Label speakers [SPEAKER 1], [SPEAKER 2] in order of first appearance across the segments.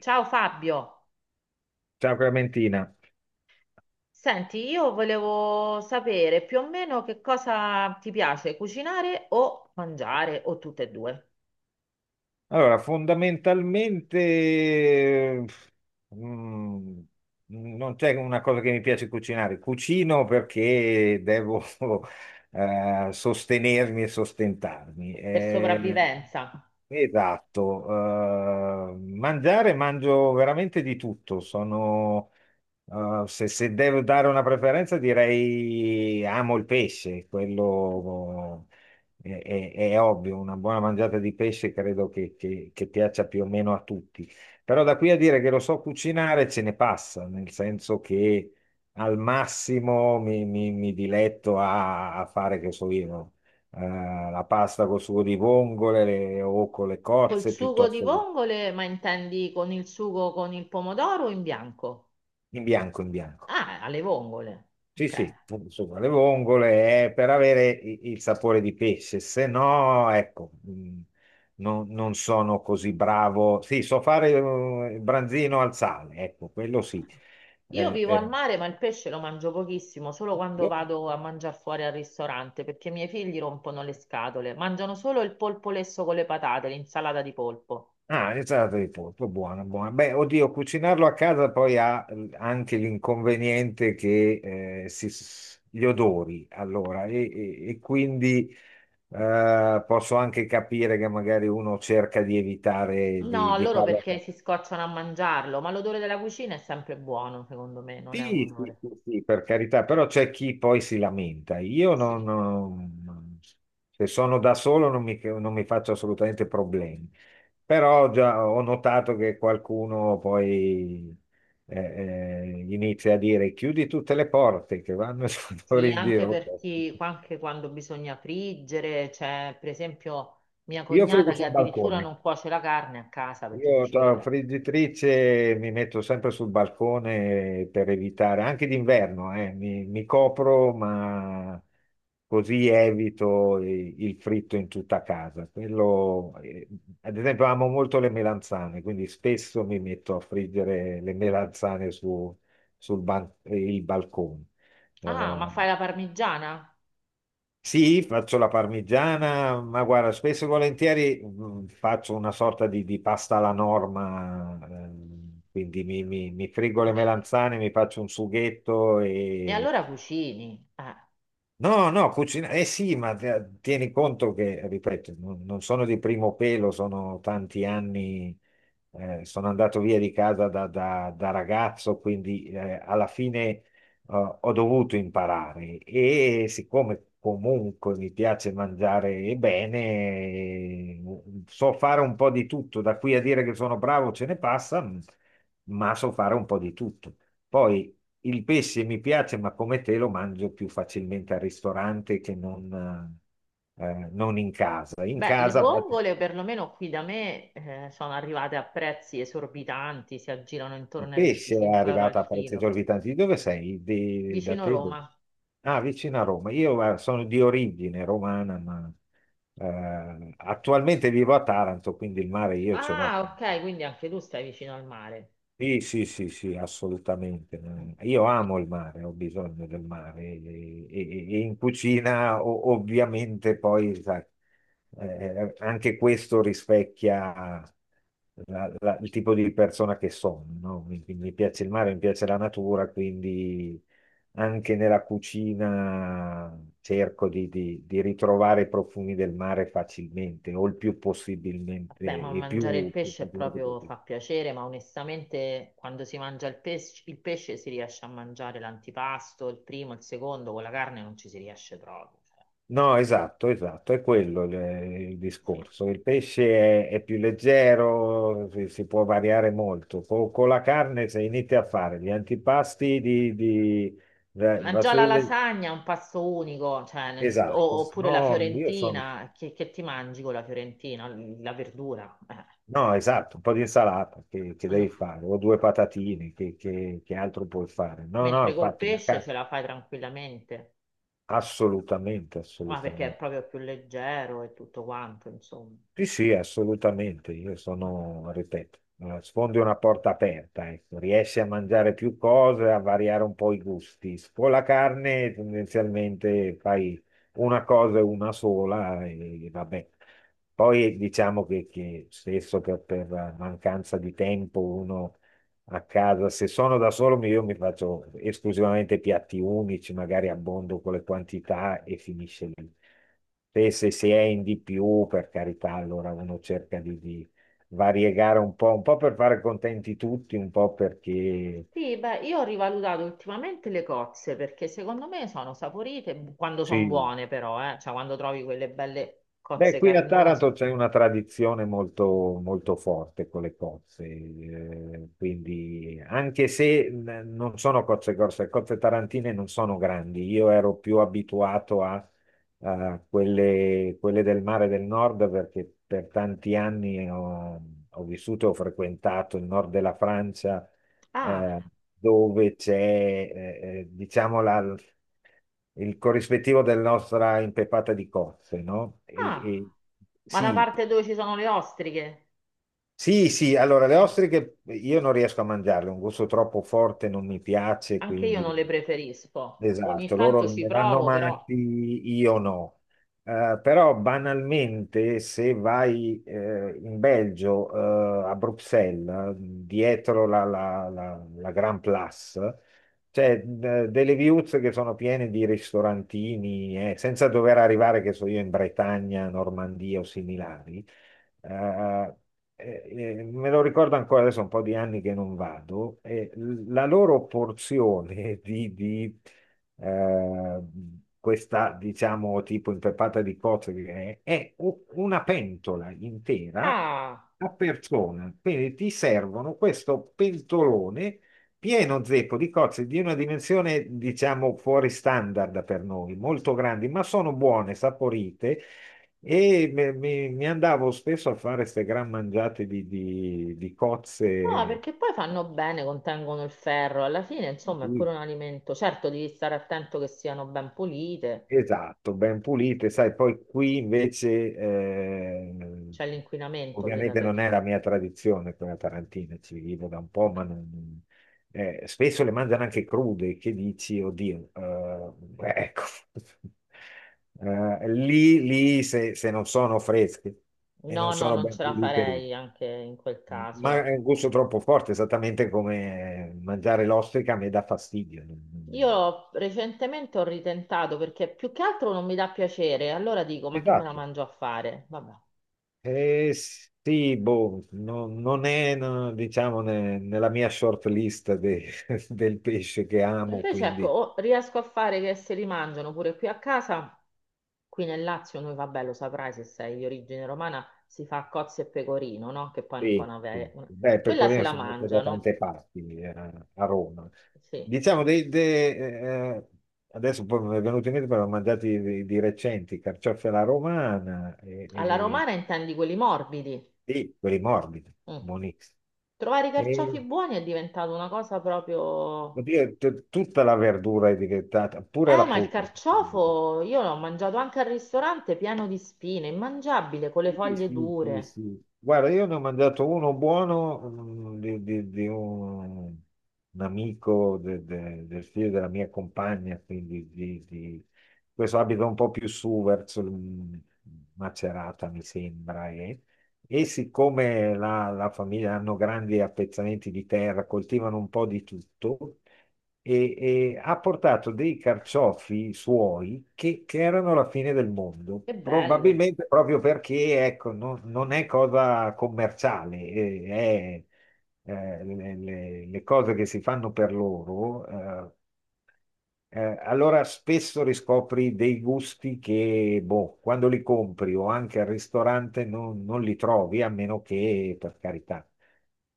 [SPEAKER 1] Ciao Fabio,
[SPEAKER 2] Ciao Clementina.
[SPEAKER 1] senti, io volevo sapere più o meno che cosa ti piace cucinare o mangiare o tutte e due
[SPEAKER 2] Allora, fondamentalmente mm, non c'è una cosa che mi piace cucinare. Cucino perché devo sostenermi e sostentarmi.
[SPEAKER 1] per sopravvivenza.
[SPEAKER 2] Esatto. Mangiare, mangio veramente di tutto. Sono, se, se devo dare una preferenza, direi amo il pesce, quello è, è ovvio, una buona mangiata di pesce credo che, che piaccia più o meno a tutti. Però da qui a dire che lo so cucinare ce ne passa, nel senso che al massimo mi diletto a, a fare, che so io, no? La pasta col sugo di vongole o con le
[SPEAKER 1] Col
[SPEAKER 2] cozze
[SPEAKER 1] sugo di
[SPEAKER 2] piuttosto che
[SPEAKER 1] vongole, ma intendi con il sugo con il pomodoro o in bianco?
[SPEAKER 2] in bianco, in bianco.
[SPEAKER 1] Ah, alle vongole.
[SPEAKER 2] Sì,
[SPEAKER 1] Ok.
[SPEAKER 2] sì, insomma, le vongole è per avere il sapore di pesce, se no, ecco, non, non sono così bravo. Sì, so fare il branzino al sale, ecco, quello sì.
[SPEAKER 1] Io
[SPEAKER 2] Eh,
[SPEAKER 1] vivo al
[SPEAKER 2] eh.
[SPEAKER 1] mare, ma il pesce lo mangio pochissimo, solo quando
[SPEAKER 2] beh,
[SPEAKER 1] vado a mangiare fuori al ristorante, perché i miei figli rompono le scatole. Mangiano solo il polpo lesso con le patate, l'insalata di polpo.
[SPEAKER 2] Ah, insalata di polpo, buona, buona. Beh, oddio, cucinarlo a casa poi ha anche l'inconveniente che gli odori, allora, e quindi posso anche capire che magari uno cerca di evitare
[SPEAKER 1] No,
[SPEAKER 2] di
[SPEAKER 1] loro
[SPEAKER 2] farlo.
[SPEAKER 1] perché si scocciano a mangiarlo, ma l'odore della cucina è sempre buono, secondo me, non è un
[SPEAKER 2] Sì, sì,
[SPEAKER 1] odore.
[SPEAKER 2] sì, sì, per carità, però c'è chi poi si lamenta. Io non,
[SPEAKER 1] Sì.
[SPEAKER 2] non- Se sono da solo non mi faccio assolutamente problemi, però già ho notato che qualcuno poi eh, inizia a dire chiudi tutte le porte che vanno e sono
[SPEAKER 1] Sì,
[SPEAKER 2] in
[SPEAKER 1] anche
[SPEAKER 2] giro.
[SPEAKER 1] per chi, anche quando bisogna friggere, c'è per esempio mia
[SPEAKER 2] Io frigo
[SPEAKER 1] cognata che
[SPEAKER 2] sul
[SPEAKER 1] addirittura
[SPEAKER 2] balcone.
[SPEAKER 1] non cuoce la carne a casa perché
[SPEAKER 2] Io
[SPEAKER 1] dice che
[SPEAKER 2] la
[SPEAKER 1] le-
[SPEAKER 2] friggitrice mi metto sempre sul balcone per evitare, anche d'inverno, mi copro, ma così evito il fritto in tutta casa. Quello, ad esempio, amo molto le melanzane, quindi spesso mi metto a friggere le melanzane su, il balcone.
[SPEAKER 1] Ah, ma
[SPEAKER 2] Ehm,
[SPEAKER 1] fai la parmigiana?
[SPEAKER 2] sì, faccio la parmigiana, ma guarda, spesso e volentieri faccio una sorta di pasta alla norma, quindi mi friggo le melanzane, mi faccio un sughetto
[SPEAKER 1] E
[SPEAKER 2] e
[SPEAKER 1] allora cucini.
[SPEAKER 2] no, no, cucina, eh sì, ma tieni conto che, ripeto, non, non sono di primo pelo, sono tanti anni, sono andato via di casa da, da ragazzo, quindi alla fine ho dovuto imparare e siccome comunque mi piace mangiare bene, so fare un po' di tutto, da qui a dire che sono bravo ce ne passa, ma so fare un po' di tutto. Poi il pesce mi piace, ma come te lo mangio più facilmente al ristorante che non, non in casa.
[SPEAKER 1] Beh, le vongole perlomeno qui da me sono arrivate a prezzi esorbitanti, si aggirano
[SPEAKER 2] Il
[SPEAKER 1] intorno ai
[SPEAKER 2] pesce è
[SPEAKER 1] 25 euro al
[SPEAKER 2] arrivato a prezzi
[SPEAKER 1] chilo,
[SPEAKER 2] esorbitanti. Di dove sei? Da
[SPEAKER 1] vicino
[SPEAKER 2] te? Dove?
[SPEAKER 1] Roma.
[SPEAKER 2] Ah, vicino a Roma. Io sono di origine romana, ma attualmente vivo a Taranto, quindi il mare io ce l'ho.
[SPEAKER 1] Ah, ok, quindi anche tu stai vicino al mare.
[SPEAKER 2] Sì, sì, sì, sì, assolutamente.
[SPEAKER 1] Mm.
[SPEAKER 2] Io amo il mare, ho bisogno del mare e, e in cucina ovviamente poi, sai, anche questo rispecchia il tipo di persona che sono, no? Mi piace il mare, mi piace la natura, quindi anche nella cucina cerco di, di ritrovare i profumi del mare facilmente o il più possibilmente
[SPEAKER 1] Vabbè, ma
[SPEAKER 2] e
[SPEAKER 1] mangiare il
[SPEAKER 2] più
[SPEAKER 1] pesce
[SPEAKER 2] facilmente
[SPEAKER 1] proprio
[SPEAKER 2] possibile.
[SPEAKER 1] fa piacere, ma onestamente quando si mangia il pesce si riesce a mangiare l'antipasto, il primo, il secondo, con la carne non ci si riesce proprio. Cioè,
[SPEAKER 2] No, esatto, esatto, è quello il
[SPEAKER 1] sì.
[SPEAKER 2] discorso. Il pesce è più leggero, si può variare molto. Con, la carne, se inizi a fare gli antipasti di, da-
[SPEAKER 1] Ma
[SPEAKER 2] da-
[SPEAKER 1] già la lasagna è un pasto unico, cioè, nel-
[SPEAKER 2] esatto,
[SPEAKER 1] o- oppure la
[SPEAKER 2] no, io sono,
[SPEAKER 1] fiorentina, che ti mangi con la fiorentina? La verdura. Eh.
[SPEAKER 2] no, esatto, un po' di insalata che
[SPEAKER 1] Mm.
[SPEAKER 2] devi fare, o due patatine, che, che altro puoi fare? No, no,
[SPEAKER 1] Mentre col
[SPEAKER 2] infatti, la
[SPEAKER 1] pesce
[SPEAKER 2] carne,
[SPEAKER 1] ce la fai tranquillamente,
[SPEAKER 2] assolutamente,
[SPEAKER 1] ma perché è
[SPEAKER 2] assolutamente.
[SPEAKER 1] proprio più leggero e tutto quanto, insomma.
[SPEAKER 2] Sì, sì, assolutamente. Io sono, ripeto, sfondi una porta aperta, ecco. Riesci a mangiare più cose, a variare un po' i gusti. Con la carne tendenzialmente fai una cosa e una sola e vabbè. Poi diciamo che spesso per mancanza di tempo uno a casa, se sono da solo io mi faccio esclusivamente piatti unici, magari abbondo con le quantità e finisce lì. E se si è in di più, per carità, allora uno cerca di variegare un po' per fare contenti tutti, un po' perché
[SPEAKER 1] Sì, beh, io ho rivalutato ultimamente le cozze perché secondo me sono saporite bu- quando sono
[SPEAKER 2] sì,
[SPEAKER 1] buone, però, cioè quando trovi quelle belle
[SPEAKER 2] beh,
[SPEAKER 1] cozze
[SPEAKER 2] qui a
[SPEAKER 1] carnose.
[SPEAKER 2] Taranto c'è una tradizione molto, molto forte con le cozze, quindi anche se non sono cozze grosse, le cozze tarantine non sono grandi, io ero più abituato a, a quelle, quelle del mare del nord perché per tanti anni ho, ho vissuto e ho frequentato il nord della Francia
[SPEAKER 1] Ah,
[SPEAKER 2] eh, dove c'è, diciamo, il corrispettivo della nostra impeppata di cozze, no?
[SPEAKER 1] ah,
[SPEAKER 2] E
[SPEAKER 1] ma la
[SPEAKER 2] sì,
[SPEAKER 1] parte dove ci sono le ostriche,
[SPEAKER 2] sì, sì, allora le ostriche io non riesco a mangiarle, un gusto troppo forte non mi piace,
[SPEAKER 1] anche io
[SPEAKER 2] quindi
[SPEAKER 1] non le preferisco. Ogni
[SPEAKER 2] esatto,
[SPEAKER 1] tanto
[SPEAKER 2] loro
[SPEAKER 1] ci
[SPEAKER 2] ne vanno
[SPEAKER 1] provo,
[SPEAKER 2] matti,
[SPEAKER 1] però.
[SPEAKER 2] io no. Però banalmente se vai in Belgio, a Bruxelles, dietro la Grand Place, c'è delle viuzze che sono piene di ristorantini, senza dover arrivare, che so io, in Bretagna, Normandia o similari eh, me lo ricordo ancora adesso, un po' di anni che non vado, e la loro porzione di, eh, questa, diciamo, tipo impeppata di cozze, è una pentola intera
[SPEAKER 1] Ah,
[SPEAKER 2] a persona. Quindi ti servono questo pentolone pieno zeppo di cozze di una dimensione, diciamo, fuori standard per noi, molto grandi, ma sono buone, saporite e mi andavo spesso a fare queste gran mangiate di, di
[SPEAKER 1] no,
[SPEAKER 2] cozze,
[SPEAKER 1] perché poi fanno bene, contengono il ferro. Alla fine,
[SPEAKER 2] di
[SPEAKER 1] insomma, è
[SPEAKER 2] cui-
[SPEAKER 1] pure un alimento. Certo, devi stare attento che siano ben pulite.
[SPEAKER 2] esatto, ben pulite, sai, poi qui invece,
[SPEAKER 1] C'è l'inquinamento lì da
[SPEAKER 2] ovviamente
[SPEAKER 1] te.
[SPEAKER 2] non è la mia tradizione quella tarantina, ci vivo da un po', ma spesso le mangiano anche crude, che dici, oddio, ecco, eh, lì se non sono fresche e
[SPEAKER 1] No,
[SPEAKER 2] non
[SPEAKER 1] no,
[SPEAKER 2] sono
[SPEAKER 1] non
[SPEAKER 2] ben
[SPEAKER 1] ce la
[SPEAKER 2] pulite.
[SPEAKER 1] farei anche in quel
[SPEAKER 2] Ma
[SPEAKER 1] caso.
[SPEAKER 2] è un gusto troppo forte, esattamente come mangiare l'ostrica a me dà fastidio. Non
[SPEAKER 1] Io recentemente ho ritentato perché più che altro non mi dà piacere, allora dico, ma che me la
[SPEAKER 2] esatto.
[SPEAKER 1] mangio a fare? Vabbè.
[SPEAKER 2] Sì, boh, non è, no, diciamo, nella mia short list del pesce che amo,
[SPEAKER 1] Invece ecco,
[SPEAKER 2] quindi
[SPEAKER 1] o riesco a fare che se li mangiano pure qui a casa, qui nel Lazio, noi vabbè, lo saprai se sei di origine romana, si fa cozze e pecorino, no? Che poi è un po'
[SPEAKER 2] sì,
[SPEAKER 1] una...
[SPEAKER 2] sì.
[SPEAKER 1] ve- una-
[SPEAKER 2] Beh, il
[SPEAKER 1] Quella se
[SPEAKER 2] pecorino
[SPEAKER 1] la
[SPEAKER 2] sono andato da
[SPEAKER 1] mangiano,
[SPEAKER 2] tante parti a Roma.
[SPEAKER 1] sì.
[SPEAKER 2] Diciamo, adesso poi mi è venuto in mente, però ho mangiati di recenti, carciofi alla romana
[SPEAKER 1] Alla
[SPEAKER 2] e
[SPEAKER 1] romana intendi quelli morbidi.
[SPEAKER 2] sì, quelli morbidi,
[SPEAKER 1] Mm.
[SPEAKER 2] buonissimi.
[SPEAKER 1] Trovare i carciofi
[SPEAKER 2] E
[SPEAKER 1] buoni è diventato una cosa proprio
[SPEAKER 2] oddio, tutta la verdura è diventata, pure la
[SPEAKER 1] Ma il
[SPEAKER 2] frutta.
[SPEAKER 1] carciofo io l'ho mangiato anche al ristorante pieno di spine, immangiabile, con le
[SPEAKER 2] Sì,
[SPEAKER 1] foglie
[SPEAKER 2] sì, sì,
[SPEAKER 1] dure.
[SPEAKER 2] sì. Guarda, io ne ho mangiato uno buono di, di un amico del figlio della mia compagna, quindi di, questo abita un po' più su verso Macerata, mi sembra. E siccome la famiglia hanno grandi appezzamenti di terra, coltivano un po' di tutto e, e ha portato dei carciofi suoi che erano la fine del mondo,
[SPEAKER 1] Che bello.
[SPEAKER 2] probabilmente proprio perché ecco, non, non è cosa commerciale, è, le, le cose che si fanno per loro. Allora spesso riscopri dei gusti che, boh, quando li compri o anche al ristorante non, non li trovi, a meno che, per carità,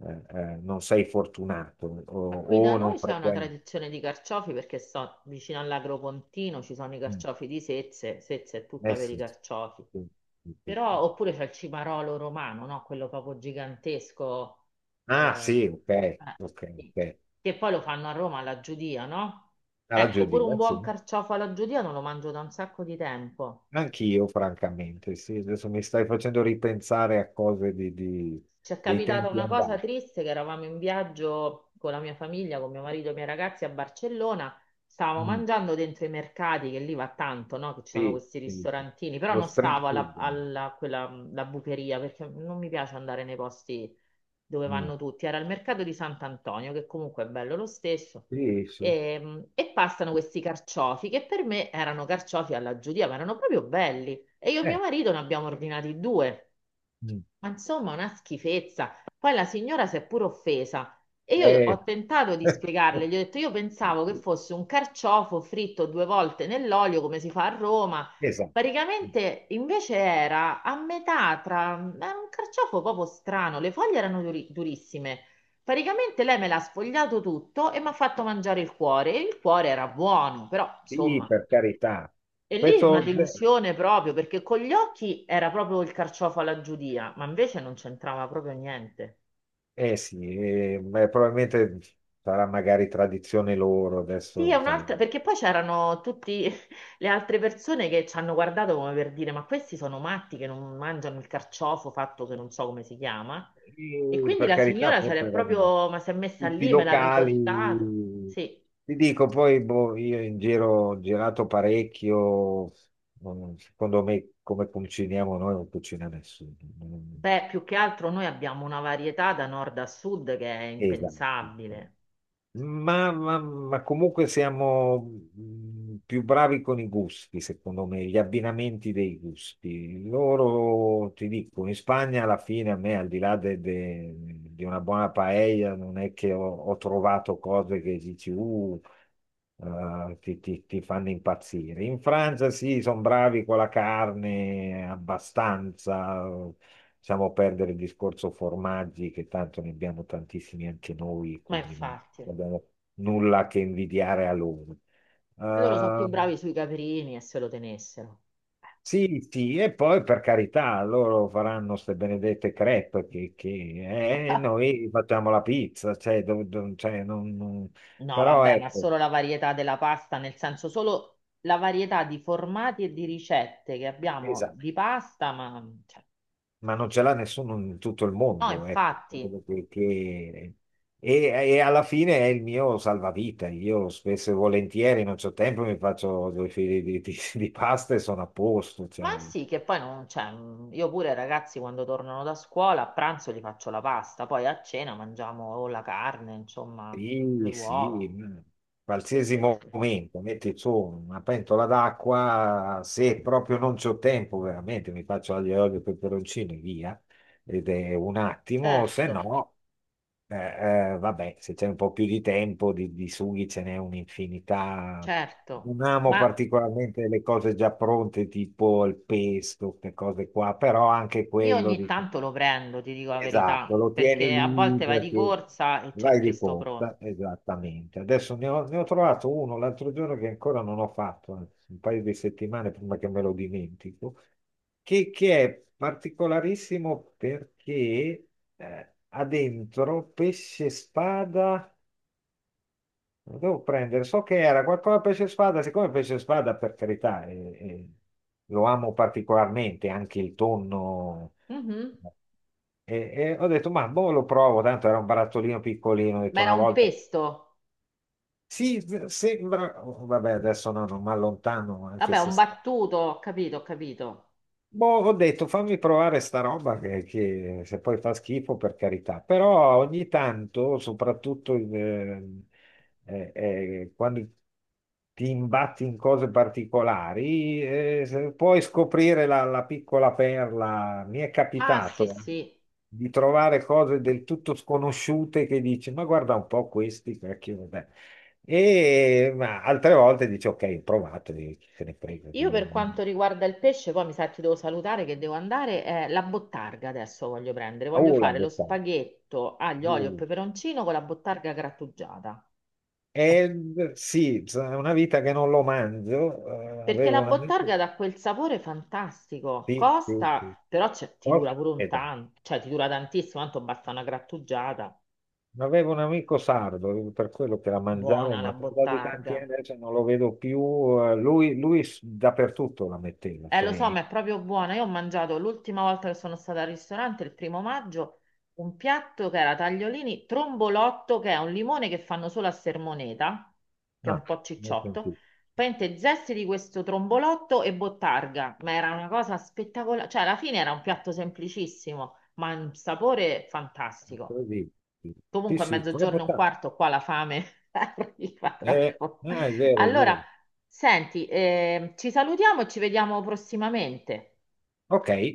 [SPEAKER 2] non sei fortunato
[SPEAKER 1] Ma qui da
[SPEAKER 2] o
[SPEAKER 1] noi
[SPEAKER 2] non
[SPEAKER 1] c'è una
[SPEAKER 2] frequenti.
[SPEAKER 1] tradizione di carciofi perché sto vicino all'Agropontino, ci sono i
[SPEAKER 2] Mm.
[SPEAKER 1] carciofi di Sezze, Sezze è tutta
[SPEAKER 2] Eh
[SPEAKER 1] per i
[SPEAKER 2] sì.
[SPEAKER 1] carciofi.
[SPEAKER 2] Sì, sì, sì,
[SPEAKER 1] Però,
[SPEAKER 2] sì.
[SPEAKER 1] oppure c'è il cimarolo romano, no? Quello proprio gigantesco, eh,
[SPEAKER 2] Ah sì, ok,
[SPEAKER 1] eh,
[SPEAKER 2] ok,
[SPEAKER 1] sì.
[SPEAKER 2] ok.
[SPEAKER 1] Che poi lo fanno a Roma alla Giudia, no?
[SPEAKER 2] Alla
[SPEAKER 1] Ecco,
[SPEAKER 2] Judy,
[SPEAKER 1] pure un
[SPEAKER 2] sì.
[SPEAKER 1] buon carciofo alla Giudia non lo mangio da un sacco di tempo.
[SPEAKER 2] Anch'io, francamente, sì, adesso mi stai facendo ripensare a cose di,
[SPEAKER 1] Ci è
[SPEAKER 2] dei
[SPEAKER 1] capitata
[SPEAKER 2] tempi
[SPEAKER 1] una cosa
[SPEAKER 2] andati.
[SPEAKER 1] triste che eravamo in viaggio con la mia famiglia, con mio marito e i miei ragazzi a Barcellona, stavamo
[SPEAKER 2] Mm,
[SPEAKER 1] mangiando dentro i mercati, che lì va tanto, no? Che ci sono
[SPEAKER 2] sì,
[SPEAKER 1] questi
[SPEAKER 2] sì, sì.
[SPEAKER 1] ristorantini, però
[SPEAKER 2] Lo
[SPEAKER 1] non
[SPEAKER 2] street
[SPEAKER 1] stavo
[SPEAKER 2] food.
[SPEAKER 1] alla, quella, la bucheria perché non mi piace andare nei posti dove
[SPEAKER 2] Mm,
[SPEAKER 1] vanno tutti. Era il mercato di Sant'Antonio, che comunque è bello lo stesso.
[SPEAKER 2] sì, sì.
[SPEAKER 1] E passano questi carciofi che per me erano carciofi alla giudia, ma erano proprio belli. E io e mio
[SPEAKER 2] Eh,
[SPEAKER 1] marito ne abbiamo ordinati due.
[SPEAKER 2] mm,
[SPEAKER 1] Ma insomma, una schifezza. Poi la signora si è pure offesa e io
[SPEAKER 2] eh.
[SPEAKER 1] ho tentato di spiegarle, gli ho detto io pensavo che fosse un carciofo fritto due volte nell'olio come si fa a Roma.
[SPEAKER 2] Esatto. Mm,
[SPEAKER 1] Praticamente invece era a metà tra... era un carciofo proprio strano, le foglie erano durissime. Praticamente lei me l'ha sfogliato tutto e mi ha fatto mangiare il cuore. E il cuore era buono, però
[SPEAKER 2] sì,
[SPEAKER 1] insomma,
[SPEAKER 2] per carità.
[SPEAKER 1] e lì una
[SPEAKER 2] Questo
[SPEAKER 1] delusione proprio perché con gli occhi era proprio il carciofo alla giudia, ma invece non c'entrava proprio niente.
[SPEAKER 2] Eh sì, beh, probabilmente sarà magari tradizione loro
[SPEAKER 1] Sì, è
[SPEAKER 2] adesso, sai.
[SPEAKER 1] un'altra, perché poi c'erano tutte le altre persone che ci hanno guardato come per dire: Ma questi sono matti che non mangiano il carciofo fatto che non so come si chiama. E
[SPEAKER 2] E
[SPEAKER 1] quindi
[SPEAKER 2] per
[SPEAKER 1] la
[SPEAKER 2] carità,
[SPEAKER 1] signora se
[SPEAKER 2] forse
[SPEAKER 1] l'è
[SPEAKER 2] erano
[SPEAKER 1] proprio, ma si è messa
[SPEAKER 2] tutti
[SPEAKER 1] lì, me l'ha riportato.
[SPEAKER 2] locali.
[SPEAKER 1] Sì.
[SPEAKER 2] Ti dico, poi boh, io in giro ho girato parecchio, non secondo me come cuciniamo noi non cucina nessuno. Non
[SPEAKER 1] Beh, più che altro noi abbiamo una varietà da nord a sud che è
[SPEAKER 2] esatto.
[SPEAKER 1] impensabile.
[SPEAKER 2] Ma comunque siamo più bravi con i gusti, secondo me, gli abbinamenti dei gusti. Loro, ti dico, in Spagna alla fine a me, al di là di una buona paella, non è che ho, ho trovato cose che dici, ti fanno impazzire. In Francia sì, sono bravi con la carne abbastanza, lasciamo perdere il discorso formaggi, che tanto ne abbiamo tantissimi anche noi,
[SPEAKER 1] Ma
[SPEAKER 2] quindi non
[SPEAKER 1] infatti,
[SPEAKER 2] abbiamo nulla che invidiare a loro.
[SPEAKER 1] loro sono più
[SPEAKER 2] Eh,
[SPEAKER 1] bravi sui caprini e se lo tenessero.
[SPEAKER 2] sì, sì, e poi per carità, loro faranno queste benedette crepe che, noi facciamo la pizza, cioè, cioè,
[SPEAKER 1] No,
[SPEAKER 2] però
[SPEAKER 1] vabbè, ma
[SPEAKER 2] ecco,
[SPEAKER 1] solo la varietà della pasta, nel senso solo la varietà di formati e di ricette che abbiamo
[SPEAKER 2] esatto,
[SPEAKER 1] di pasta, ma cioè,
[SPEAKER 2] ma non ce l'ha nessuno in tutto il
[SPEAKER 1] no,
[SPEAKER 2] mondo, ecco.
[SPEAKER 1] infatti.
[SPEAKER 2] Che- che- e alla fine è il mio salvavita. Io spesso e volentieri non ho tempo, mi faccio due fili di, di pasta e sono a posto.
[SPEAKER 1] Ma
[SPEAKER 2] Cioè,
[SPEAKER 1] sì, che poi non c'è. Io pure, ragazzi, quando tornano da scuola, a pranzo gli faccio la pasta, poi a cena mangiamo o la carne, insomma, le
[SPEAKER 2] sì,
[SPEAKER 1] uova,
[SPEAKER 2] sì, mm, qualsiasi
[SPEAKER 1] queste cose.
[SPEAKER 2] momento, metti su una pentola d'acqua, se proprio non c'ho tempo, veramente mi faccio aglio e olio e peperoncino e via, ed è un attimo, se
[SPEAKER 1] Certo.
[SPEAKER 2] no, vabbè, se c'è un po' più di tempo, di sughi ce n'è un'infinità.
[SPEAKER 1] Certo,
[SPEAKER 2] Non amo
[SPEAKER 1] ma
[SPEAKER 2] particolarmente le cose già pronte, tipo il pesto, queste cose qua, però anche
[SPEAKER 1] io
[SPEAKER 2] quello
[SPEAKER 1] ogni
[SPEAKER 2] di...
[SPEAKER 1] tanto lo prendo, ti dico la verità,
[SPEAKER 2] Esatto, lo tieni
[SPEAKER 1] perché a
[SPEAKER 2] lì
[SPEAKER 1] volte vai di
[SPEAKER 2] perché
[SPEAKER 1] corsa e c'è il
[SPEAKER 2] vai di
[SPEAKER 1] pesto
[SPEAKER 2] corsa,
[SPEAKER 1] pronto.
[SPEAKER 2] esattamente. Adesso ne ho trovato uno l'altro giorno che ancora non ho fatto, anzi, un paio di settimane prima che me lo dimentico, che è particolarissimo perché ha dentro pesce spada, lo devo prendere, so che era qualcosa pesce spada, siccome pesce spada per carità è lo amo particolarmente, anche il tonno
[SPEAKER 1] Mhm.
[SPEAKER 2] e, e ho detto, ma boh, lo provo, tanto era un barattolino piccolino, ho
[SPEAKER 1] Ma
[SPEAKER 2] detto
[SPEAKER 1] era
[SPEAKER 2] una
[SPEAKER 1] un
[SPEAKER 2] volta,
[SPEAKER 1] pesto?
[SPEAKER 2] sì, sembra, oh, vabbè, adesso no, non mi allontano, anche
[SPEAKER 1] Vabbè,
[SPEAKER 2] se
[SPEAKER 1] un battuto, ho capito, ho capito.
[SPEAKER 2] boh, ho detto fammi provare sta roba che se poi fa schifo per carità, però ogni tanto, soprattutto in, eh, quando ti imbatti in cose particolari, se puoi scoprire la piccola perla. Mi è
[SPEAKER 1] Ah, sì,
[SPEAKER 2] capitato
[SPEAKER 1] sì.
[SPEAKER 2] di trovare cose del tutto sconosciute che dici, ma guarda un po' questi, cacchio, vabbè. E ma altre volte dici, ok, ho provato, e chi se ne frega.
[SPEAKER 1] Io per quanto riguarda il pesce, poi mi sa che ti devo salutare che devo andare, la bottarga adesso voglio prendere, voglio
[SPEAKER 2] Oh, l'ha
[SPEAKER 1] fare lo
[SPEAKER 2] buttata.
[SPEAKER 1] spaghetto aglio, olio e
[SPEAKER 2] Uh,
[SPEAKER 1] peperoncino con la bottarga grattugiata.
[SPEAKER 2] eh, sì, è una vita che non lo mangio.
[SPEAKER 1] Perché
[SPEAKER 2] Avevo
[SPEAKER 1] la
[SPEAKER 2] un amico,
[SPEAKER 1] bottarga dà quel sapore fantastico,
[SPEAKER 2] sì, sì, sì.
[SPEAKER 1] costa, però c'è- ti
[SPEAKER 2] Oh,
[SPEAKER 1] dura pure un
[SPEAKER 2] aspetta.
[SPEAKER 1] tanto, cioè ti dura tantissimo, tanto basta una grattugiata.
[SPEAKER 2] Avevo un amico sardo, per quello che la mangiavo,
[SPEAKER 1] Buona
[SPEAKER 2] ma
[SPEAKER 1] la
[SPEAKER 2] sono passati tanti
[SPEAKER 1] bottarga.
[SPEAKER 2] anni adesso non lo vedo più. Lui dappertutto la metteva,
[SPEAKER 1] Lo so,
[SPEAKER 2] sei...
[SPEAKER 1] ma è proprio buona. Io ho mangiato l'ultima volta che sono stata al ristorante, il primo maggio, un piatto che era tagliolini, trombolotto, che è un limone che fanno solo a Sermoneta, che è
[SPEAKER 2] No,
[SPEAKER 1] un po'
[SPEAKER 2] non ho
[SPEAKER 1] cicciotto.
[SPEAKER 2] sentito.
[SPEAKER 1] Praticamente zesti di questo trombolotto e bottarga, ma era una cosa spettacolare. Cioè, alla fine era un piatto semplicissimo, ma un sapore fantastico.
[SPEAKER 2] Così. Sì,
[SPEAKER 1] Comunque a
[SPEAKER 2] sì, con la
[SPEAKER 1] mezzogiorno e un
[SPEAKER 2] bottata.
[SPEAKER 1] quarto qua la fame arriva tra un po'.
[SPEAKER 2] Ah, è vero, è
[SPEAKER 1] Allora,
[SPEAKER 2] vero.
[SPEAKER 1] senti, ci salutiamo e ci vediamo prossimamente.
[SPEAKER 2] Ok.